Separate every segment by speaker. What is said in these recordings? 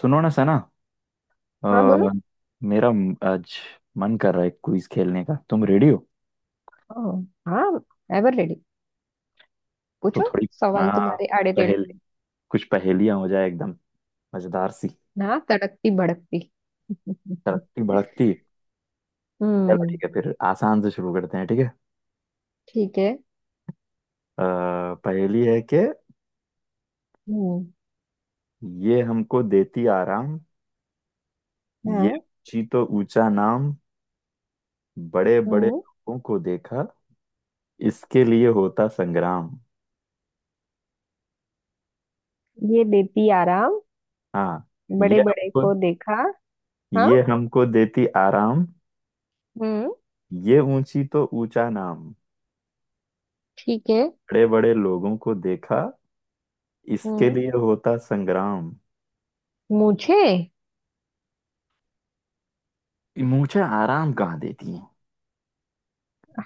Speaker 1: सुनो ना सना।
Speaker 2: हाँ,
Speaker 1: अ,
Speaker 2: बोलो।
Speaker 1: आज मन कर रहा है क्विज खेलने का। तुम रेडी हो?
Speaker 2: ओ, हाँ। Ever ready.
Speaker 1: तो
Speaker 2: पूछो।
Speaker 1: थोड़ी
Speaker 2: सवाल
Speaker 1: आ,
Speaker 2: तुम्हारे आड़े टेढ़े
Speaker 1: पहेल
Speaker 2: से।
Speaker 1: कुछ पहेलियां हो जाए, एकदम मजेदार सी,
Speaker 2: ना तड़कती भड़कती।
Speaker 1: तड़कती भड़कती। चलो
Speaker 2: हम्म।
Speaker 1: ठीक है, फिर आसान से शुरू करते हैं, ठीक है।
Speaker 2: ठीक है।
Speaker 1: पहेली है कि
Speaker 2: हम्म।
Speaker 1: ये हमको देती आराम, ये
Speaker 2: हाँ।
Speaker 1: ऊंची तो ऊंचा नाम, बड़े बड़े
Speaker 2: हम्म।
Speaker 1: लोगों को देखा इसके लिए होता संग्राम।
Speaker 2: ये देती आराम।
Speaker 1: हाँ।
Speaker 2: बड़े
Speaker 1: ये
Speaker 2: बड़े
Speaker 1: हमको
Speaker 2: को देखा। हाँ।
Speaker 1: ये हमको देती आराम,
Speaker 2: हम्म।
Speaker 1: ये ऊंची तो ऊंचा नाम,
Speaker 2: ठीक है।
Speaker 1: बड़े बड़े लोगों को देखा इसके
Speaker 2: हम्म।
Speaker 1: लिए होता संग्राम।
Speaker 2: मुझे।
Speaker 1: मूछे आराम कहाँ देती हैं?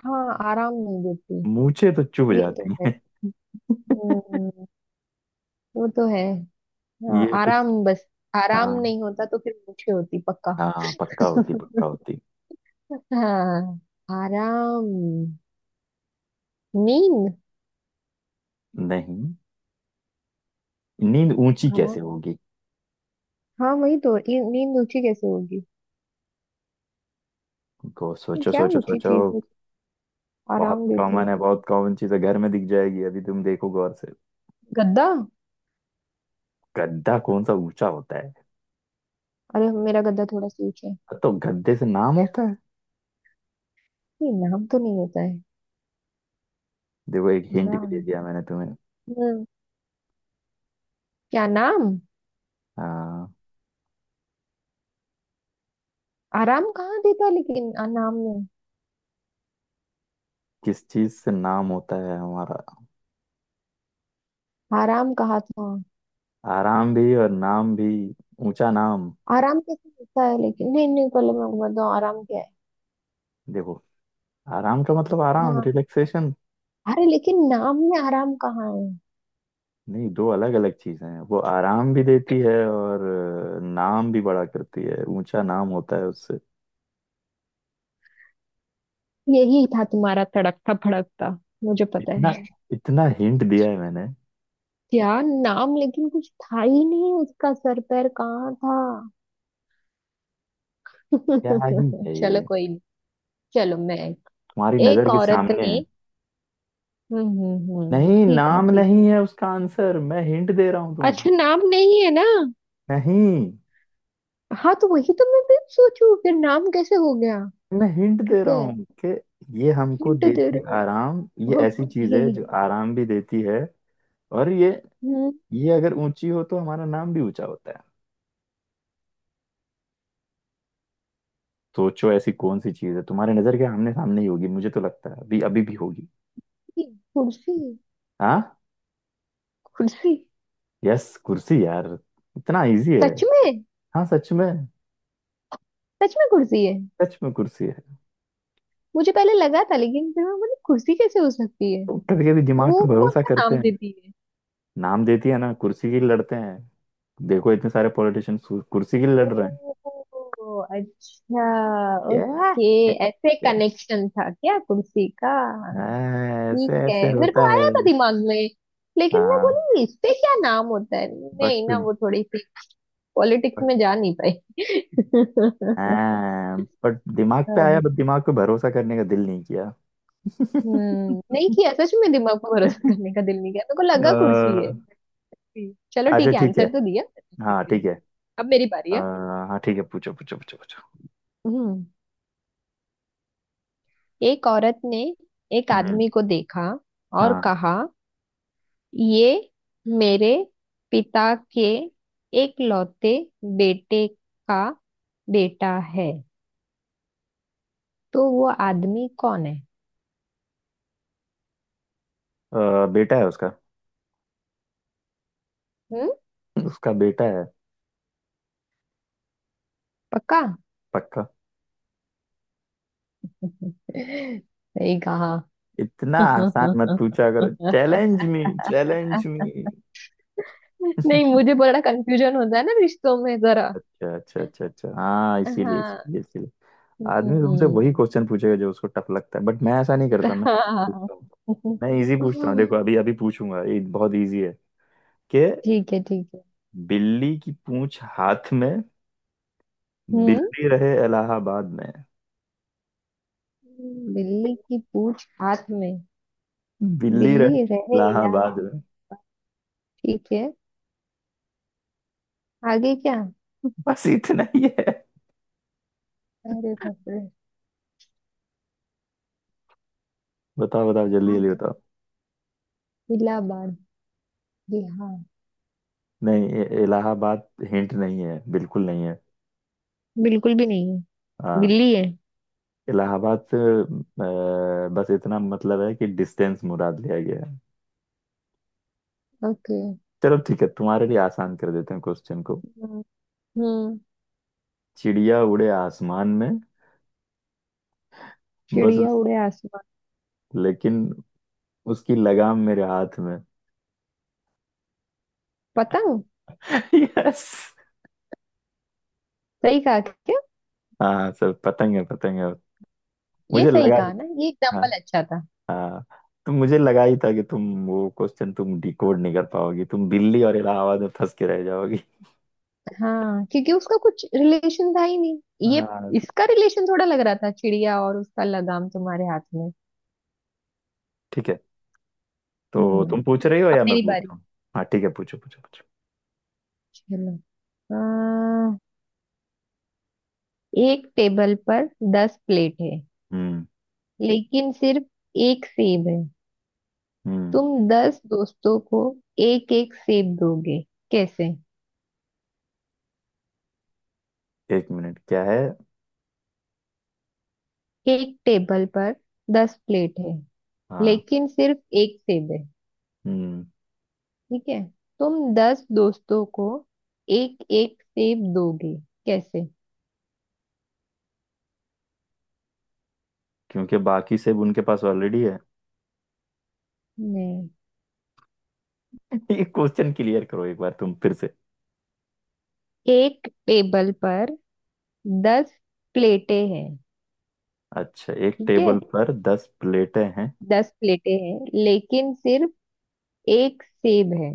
Speaker 2: हाँ, आराम नहीं देती।
Speaker 1: मूछे तो चुभ
Speaker 2: ये तो
Speaker 1: जाती
Speaker 2: है।
Speaker 1: हैं।
Speaker 2: हम्म। वो तो है। हाँ,
Speaker 1: ये कुछ।
Speaker 2: आराम बस। आराम
Speaker 1: हाँ,
Speaker 2: नहीं होता तो फिर मुझे होती पक्का।
Speaker 1: हाँ पक्का, होती पक्का होती।
Speaker 2: हाँ। आराम। नींद।
Speaker 1: नहीं, नींद ऊंची
Speaker 2: आराम।
Speaker 1: कैसे होगी?
Speaker 2: हाँ, वही तो, ये नींद ऊंची कैसे होगी।
Speaker 1: को
Speaker 2: तो
Speaker 1: सोचो
Speaker 2: क्या
Speaker 1: सोचो
Speaker 2: ऊंची
Speaker 1: सोचो।
Speaker 2: चीज है।
Speaker 1: बहुत
Speaker 2: आराम देती
Speaker 1: कॉमन है,
Speaker 2: है।
Speaker 1: बहुत कॉमन चीज है, घर में दिख जाएगी, अभी तुम देखो गौर से।
Speaker 2: गद्दा।
Speaker 1: गद्दा कौन सा ऊंचा होता है?
Speaker 2: अरे, मेरा गद्दा थोड़ा सा ऊंचा है।
Speaker 1: तो गद्दे से नाम होता है?
Speaker 2: ये नाम तो नहीं होता है।
Speaker 1: देखो एक हिंट भी
Speaker 2: आराम।
Speaker 1: दे दिया मैंने तुम्हें।
Speaker 2: हम्म, क्या नाम।
Speaker 1: हाँ।
Speaker 2: आराम कहाँ देता है, लेकिन नाम में।
Speaker 1: किस चीज से नाम होता है हमारा?
Speaker 2: आराम कहा था।
Speaker 1: आराम भी और नाम भी, ऊंचा नाम।
Speaker 2: आराम कैसे होता है, लेकिन नहीं नहीं पहले मैं बताऊँ आराम क्या है।
Speaker 1: देखो, आराम का मतलब आराम,
Speaker 2: हाँ।
Speaker 1: रिलैक्सेशन।
Speaker 2: अरे लेकिन नाम में आराम कहाँ है।
Speaker 1: नहीं, दो अलग अलग चीजें हैं, वो आराम भी देती है और नाम भी बड़ा करती है, ऊंचा नाम होता है उससे।
Speaker 2: यही था तुम्हारा तड़कता भड़कता। मुझे पता है।
Speaker 1: इतना इतना हिंट दिया है मैंने।
Speaker 2: क्या नाम, लेकिन कुछ था ही नहीं, उसका सर पैर कहाँ था।
Speaker 1: क्या ही है
Speaker 2: चलो
Speaker 1: ये,
Speaker 2: कोई नहीं। चलो मैं।
Speaker 1: तुम्हारी नजर
Speaker 2: एक
Speaker 1: के
Speaker 2: औरत
Speaker 1: सामने है।
Speaker 2: ने। हम्म,
Speaker 1: नहीं,
Speaker 2: ठीक है,
Speaker 1: नाम
Speaker 2: ठीक।
Speaker 1: नहीं है उसका आंसर, मैं हिंट दे रहा हूं तुम्हें।
Speaker 2: अच्छा नाम नहीं है ना।
Speaker 1: नहीं,
Speaker 2: हाँ, तो वही तो मैं भी सोचू फिर नाम कैसे हो गया।
Speaker 1: मैं हिंट दे
Speaker 2: ठीक
Speaker 1: रहा
Speaker 2: है।
Speaker 1: हूँ कि ये हमको
Speaker 2: हिंट दे
Speaker 1: देती
Speaker 2: रहे
Speaker 1: आराम, ये
Speaker 2: हो।
Speaker 1: ऐसी चीज
Speaker 2: ओके।
Speaker 1: है जो आराम भी देती है। और
Speaker 2: हम्म,
Speaker 1: ये अगर ऊंची हो तो हमारा नाम भी ऊंचा होता है। सोचो ऐसी कौन सी चीज है, तुम्हारे नजर के आमने सामने ही होगी, मुझे तो लगता है अभी अभी भी होगी।
Speaker 2: कुर्सी।
Speaker 1: हाँ।
Speaker 2: कुर्सी।
Speaker 1: यस, कुर्सी यार, इतना इजी है।
Speaker 2: सच में।
Speaker 1: हाँ सच में।
Speaker 2: सच में कुर्सी है।
Speaker 1: सच में कुर्सी है।
Speaker 2: मुझे पहले लगा था, लेकिन फिर मैं बोली कुर्सी कैसे हो सकती है।
Speaker 1: तो कभी कभी दिमाग
Speaker 2: वो
Speaker 1: पे
Speaker 2: कौन
Speaker 1: भरोसा
Speaker 2: सा
Speaker 1: करते
Speaker 2: नाम
Speaker 1: हैं।
Speaker 2: देती।
Speaker 1: नाम देती है ना, कुर्सी के लिए लड़ते हैं। देखो इतने सारे पॉलिटिशियन कुर्सी के लिए लड़ रहे हैं।
Speaker 2: ओ, अच्छा।
Speaker 1: Yeah!
Speaker 2: ओके। ऐसे कनेक्शन था क्या कुर्सी का।
Speaker 1: हाँ,
Speaker 2: ठीक
Speaker 1: ऐसे
Speaker 2: है।
Speaker 1: ऐसे
Speaker 2: मेरे
Speaker 1: होता
Speaker 2: को
Speaker 1: है।
Speaker 2: आया था दिमाग में। लेकिन मैं
Speaker 1: हाँ
Speaker 2: बोली इस पे क्या नाम होता है, नहीं
Speaker 1: बट।
Speaker 2: ना, वो थोड़ी सी पॉलिटिक्स
Speaker 1: बट।
Speaker 2: में जा नहीं पाई।
Speaker 1: हाँ बट दिमाग पे आया, बट दिमाग पे भरोसा करने का दिल नहीं किया।
Speaker 2: नहीं किया, सच में दिमाग पर भरोसा करने का दिल नहीं किया, मेरे को लगा कुर्सी
Speaker 1: अ,
Speaker 2: है। चलो
Speaker 1: अच्छा
Speaker 2: ठीक है,
Speaker 1: ठीक है।
Speaker 2: आंसर तो दिया।
Speaker 1: हाँ ठीक है। अ,
Speaker 2: अब मेरी बारी है।
Speaker 1: हाँ ठीक है, पूछो पूछो पूछो पूछो।
Speaker 2: हम्म एक औरत ने एक
Speaker 1: हम्म।
Speaker 2: आदमी को देखा और
Speaker 1: हाँ।
Speaker 2: कहा, ये मेरे पिता के एकलौते बेटे का बेटा है, तो वो आदमी कौन है।
Speaker 1: बेटा है उसका,
Speaker 2: हम्म।
Speaker 1: उसका बेटा है।
Speaker 2: पक्का।
Speaker 1: पक्का।
Speaker 2: सही कहा।
Speaker 1: इतना आसान मत
Speaker 2: नहीं।
Speaker 1: पूछा करो, चैलेंज मी, चैलेंज मी।
Speaker 2: मुझे बड़ा कंफ्यूजन होता है ना, रिश्तों में जरा।
Speaker 1: अच्छा अच्छा अच्छा अच्छा, हाँ इसीलिए,
Speaker 2: हाँ।
Speaker 1: इसीलिए, इसीलिए। आदमी तुमसे
Speaker 2: हम्म।
Speaker 1: वही क्वेश्चन पूछेगा जो उसको टफ लगता है, बट मैं ऐसा नहीं करता, मैं easy
Speaker 2: हाँ,
Speaker 1: पूछता हूँ। मैं इजी पूछता हूँ, देखो अभी अभी पूछूंगा, ये बहुत इजी है कि
Speaker 2: ठीक है ठीक है।
Speaker 1: बिल्ली की पूंछ हाथ में,
Speaker 2: हम्म
Speaker 1: बिल्ली रहे इलाहाबाद में।
Speaker 2: बिल्ली की पूंछ हाथ में।
Speaker 1: बिल्ली रहे
Speaker 2: बिल्ली रहे
Speaker 1: इलाहाबाद
Speaker 2: इलाज।
Speaker 1: में,
Speaker 2: ठीक है। आगे क्या।
Speaker 1: बस इतना ही है।
Speaker 2: अरे बाप रे।
Speaker 1: बताओ बताओ जल्दी
Speaker 2: हाँ,
Speaker 1: जल्दी
Speaker 2: तो
Speaker 1: बताओ।
Speaker 2: इलाहाबाद, बिहार।
Speaker 1: नहीं, ये इलाहाबाद हिंट नहीं है, बिल्कुल नहीं है।
Speaker 2: बिल्कुल भी नहीं है।
Speaker 1: हाँ।
Speaker 2: बिल्ली है।
Speaker 1: इलाहाबाद से बस इतना मतलब है कि डिस्टेंस मुराद लिया गया है।
Speaker 2: ओके।
Speaker 1: चलो ठीक है, तुम्हारे लिए आसान कर देते हैं क्वेश्चन को।
Speaker 2: हम्म। हम्म।
Speaker 1: चिड़िया उड़े आसमान में, बस
Speaker 2: चिड़िया
Speaker 1: उस,
Speaker 2: उड़े आसमान।
Speaker 1: लेकिन उसकी लगाम मेरे हाथ में।
Speaker 2: पतंग।
Speaker 1: यस।
Speaker 2: सही कहा क्या।
Speaker 1: हाँ सर, पतंग है, पतंग है।
Speaker 2: ये
Speaker 1: मुझे
Speaker 2: सही
Speaker 1: लगा ही।
Speaker 2: कहा ना, ये
Speaker 1: हाँ।
Speaker 2: एग्जाम्पल अच्छा था।
Speaker 1: हाँ, तो मुझे लगा ही था कि तुम वो क्वेश्चन, तुम डिकोड नहीं कर पाओगी, तुम दिल्ली और इलाहाबाद में फंस के रह जाओगी।
Speaker 2: हाँ, क्योंकि उसका कुछ रिलेशन था ही नहीं। ये
Speaker 1: हाँ
Speaker 2: इसका रिलेशन थोड़ा लग रहा था, चिड़िया और उसका लगाम तुम्हारे हाथ में।
Speaker 1: ठीक है। तो तुम
Speaker 2: हम्म।
Speaker 1: पूछ रही हो
Speaker 2: अब
Speaker 1: या मैं
Speaker 2: मेरी बारी।
Speaker 1: पूछता हूँ? हाँ ठीक है, पूछो पूछो पूछो।
Speaker 2: चलो। आ, एक टेबल पर 10 प्लेट है।
Speaker 1: हम्म।
Speaker 2: लेकिन सिर्फ एक सेब है।
Speaker 1: हम्म।
Speaker 2: तुम 10 दोस्तों को एक एक सेब दोगे, कैसे।
Speaker 1: एक मिनट, क्या है?
Speaker 2: एक टेबल पर दस प्लेट है।
Speaker 1: हाँ।
Speaker 2: लेकिन सिर्फ एक सेब है।
Speaker 1: हम्म।
Speaker 2: ठीक है। तुम 10 दोस्तों को एक एक सेब दोगे, कैसे।
Speaker 1: क्योंकि बाकी सब उनके पास ऑलरेडी है।
Speaker 2: नहीं।
Speaker 1: ये क्वेश्चन क्लियर करो एक बार तुम, फिर से।
Speaker 2: एक टेबल पर 10 प्लेटें हैं।
Speaker 1: अच्छा, एक
Speaker 2: ठीक है।
Speaker 1: टेबल पर दस प्लेटें हैं।
Speaker 2: 10 प्लेटें हैं, लेकिन सिर्फ एक सेब है।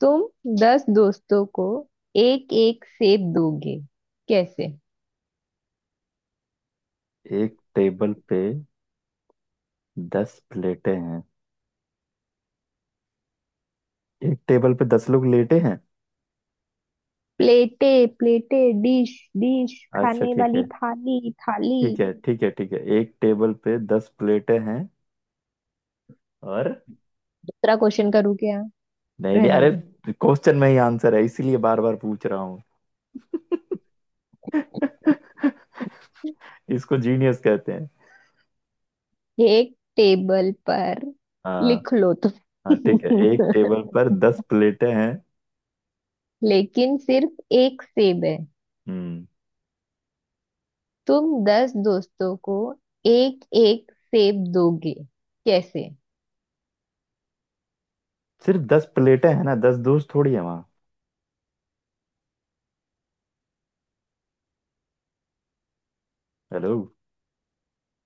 Speaker 2: तुम दस दोस्तों को एक एक सेब दोगे, कैसे।
Speaker 1: एक टेबल पे दस प्लेटें हैं। एक टेबल पे दस लोग लेटे हैं।
Speaker 2: प्लेटे, प्लेटे डिश, डिश
Speaker 1: अच्छा
Speaker 2: खाने
Speaker 1: ठीक
Speaker 2: वाली
Speaker 1: है।
Speaker 2: थाली, थाली।
Speaker 1: ठीक है ठीक है ठीक है, एक टेबल पे दस प्लेटें हैं। और?
Speaker 2: दूसरा क्वेश्चन करूँ क्या।
Speaker 1: नहीं नहीं,
Speaker 2: रहने
Speaker 1: अरे,
Speaker 2: दो।
Speaker 1: क्वेश्चन में ही आंसर है, इसीलिए बार बार पूछ रहा हूँ। इसको जीनियस कहते हैं।
Speaker 2: एक टेबल पर।
Speaker 1: हाँ।
Speaker 2: लिख लो
Speaker 1: हाँ ठीक है, एक टेबल पर
Speaker 2: तुम।
Speaker 1: दस प्लेटें हैं।
Speaker 2: लेकिन सिर्फ एक सेब है।
Speaker 1: हम्म।
Speaker 2: तुम दस दोस्तों को एक एक सेब दोगे, कैसे।
Speaker 1: सिर्फ दस प्लेटें हैं ना, दस दोस्त थोड़ी है वहाँ। हेलो।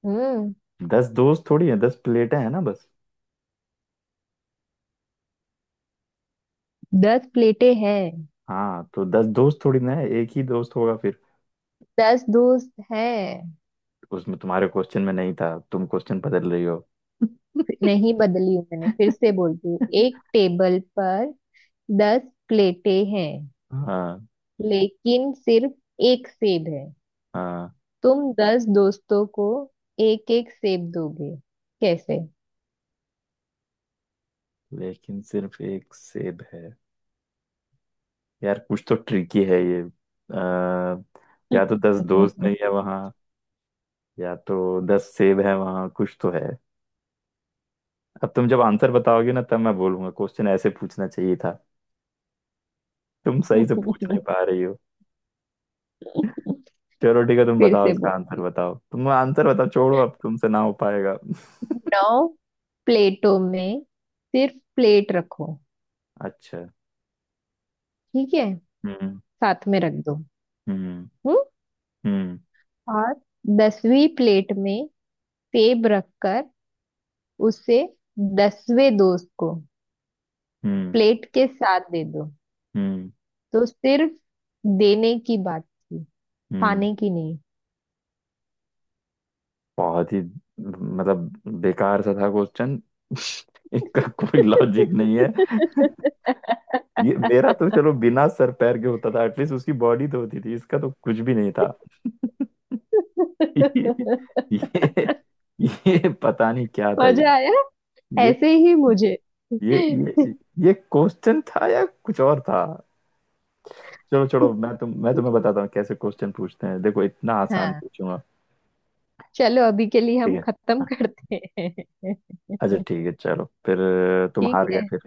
Speaker 2: हम्म।
Speaker 1: दस दोस्त थोड़ी है, दस प्लेटें हैं ना, बस।
Speaker 2: 10 प्लेटें हैं।
Speaker 1: हाँ तो दस दोस्त थोड़ी ना है, एक ही दोस्त होगा फिर
Speaker 2: 10 दोस्त हैं।
Speaker 1: उसमें। तुम्हारे क्वेश्चन में नहीं था, तुम क्वेश्चन बदल रही हो।
Speaker 2: नहीं बदली हूं, मैंने फिर से बोलती हूँ, एक टेबल पर 10 प्लेटें हैं।
Speaker 1: हाँ।
Speaker 2: लेकिन सिर्फ एक सेब है।
Speaker 1: हाँ,
Speaker 2: तुम दस दोस्तों को एक एक सेब दोगे, कैसे।
Speaker 1: लेकिन सिर्फ एक सेब है। यार कुछ तो ट्रिकी है ये, या तो दस दोस्त नहीं है वहाँ, या तो दस सेब है वहाँ, कुछ तो है। अब तुम जब आंसर बताओगे ना, तब मैं बोलूंगा क्वेश्चन ऐसे पूछना चाहिए था, तुम सही से पूछ नहीं पा रही हो। चलो ठीक है, तुम
Speaker 2: फिर
Speaker 1: बताओ
Speaker 2: से
Speaker 1: इसका आंसर,
Speaker 2: बोलती
Speaker 1: बताओ तुम आंसर बताओ, छोड़ो अब तुमसे ना हो पाएगा।
Speaker 2: हूँ। 9 प्लेटों में सिर्फ प्लेट रखो।
Speaker 1: अच्छा।
Speaker 2: ठीक है।
Speaker 1: हम्म।
Speaker 2: साथ में रख दो।
Speaker 1: हम्म।
Speaker 2: हम्म।
Speaker 1: हम्म।
Speaker 2: और 10वीं प्लेट में सेब रखकर उसे 10वें दोस्त को
Speaker 1: हम्म।
Speaker 2: प्लेट के साथ दे दो।
Speaker 1: हम्म।
Speaker 2: तो सिर्फ देने की बात थी,
Speaker 1: हम्म।
Speaker 2: खाने की नहीं।
Speaker 1: बहुत ही, मतलब, बेकार सा था क्वेश्चन। इसका कोई लॉजिक नहीं है। ये मेरा तो चलो बिना सर पैर के होता था, एटलीस्ट उसकी बॉडी तो होती थी, इसका तो कुछ भी नहीं था। ये ये, ये पता नहीं क्या था ये।
Speaker 2: मजा आया।
Speaker 1: ये
Speaker 2: ऐसे ही मुझे।
Speaker 1: ये ये, ये क्वेश्चन था या कुछ और था? चलो चलो, मैं तुम्हें बताता हूँ कैसे क्वेश्चन पूछते हैं, देखो इतना आसान
Speaker 2: हाँ,
Speaker 1: पूछूंगा।
Speaker 2: चलो अभी के लिए
Speaker 1: ठीक
Speaker 2: हम खत्म
Speaker 1: है।
Speaker 2: करते हैं।
Speaker 1: अच्छा ठीक है, चलो फिर तुम
Speaker 2: ठीक
Speaker 1: हार गए
Speaker 2: है।
Speaker 1: फिर।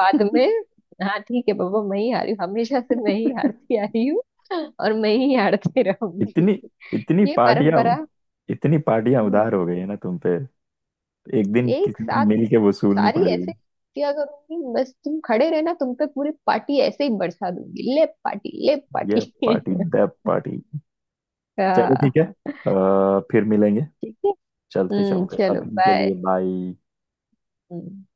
Speaker 2: बाद में। हाँ, ठीक है बाबा, मैं ही हारी हूँ, हमेशा से मैं ही हारती आई हूँ। और मैं ही हारती रहूंगी।
Speaker 1: इतनी इतनी
Speaker 2: ये
Speaker 1: पार्टियां,
Speaker 2: परंपरा।
Speaker 1: उधार
Speaker 2: हम्म।
Speaker 1: हो गई है ना तुम पे, एक दिन
Speaker 2: एक
Speaker 1: किसी दिन
Speaker 2: साथ
Speaker 1: मिल के वसूलनी
Speaker 2: सारी
Speaker 1: पड़ेगी।
Speaker 2: ऐसे किया करूंगी, बस तुम खड़े रहना, तुम पे पूरी पार्टी ऐसे ही बरसा दूंगी, ले पार्टी ले पार्टी।
Speaker 1: ये पार्टी दैट पार्टी। चलो ठीक है, फिर मिलेंगे।
Speaker 2: ठीक है।
Speaker 1: चलते चलते
Speaker 2: चलो
Speaker 1: अभी के
Speaker 2: बाय।
Speaker 1: लिए, बाय।
Speaker 2: हम्म।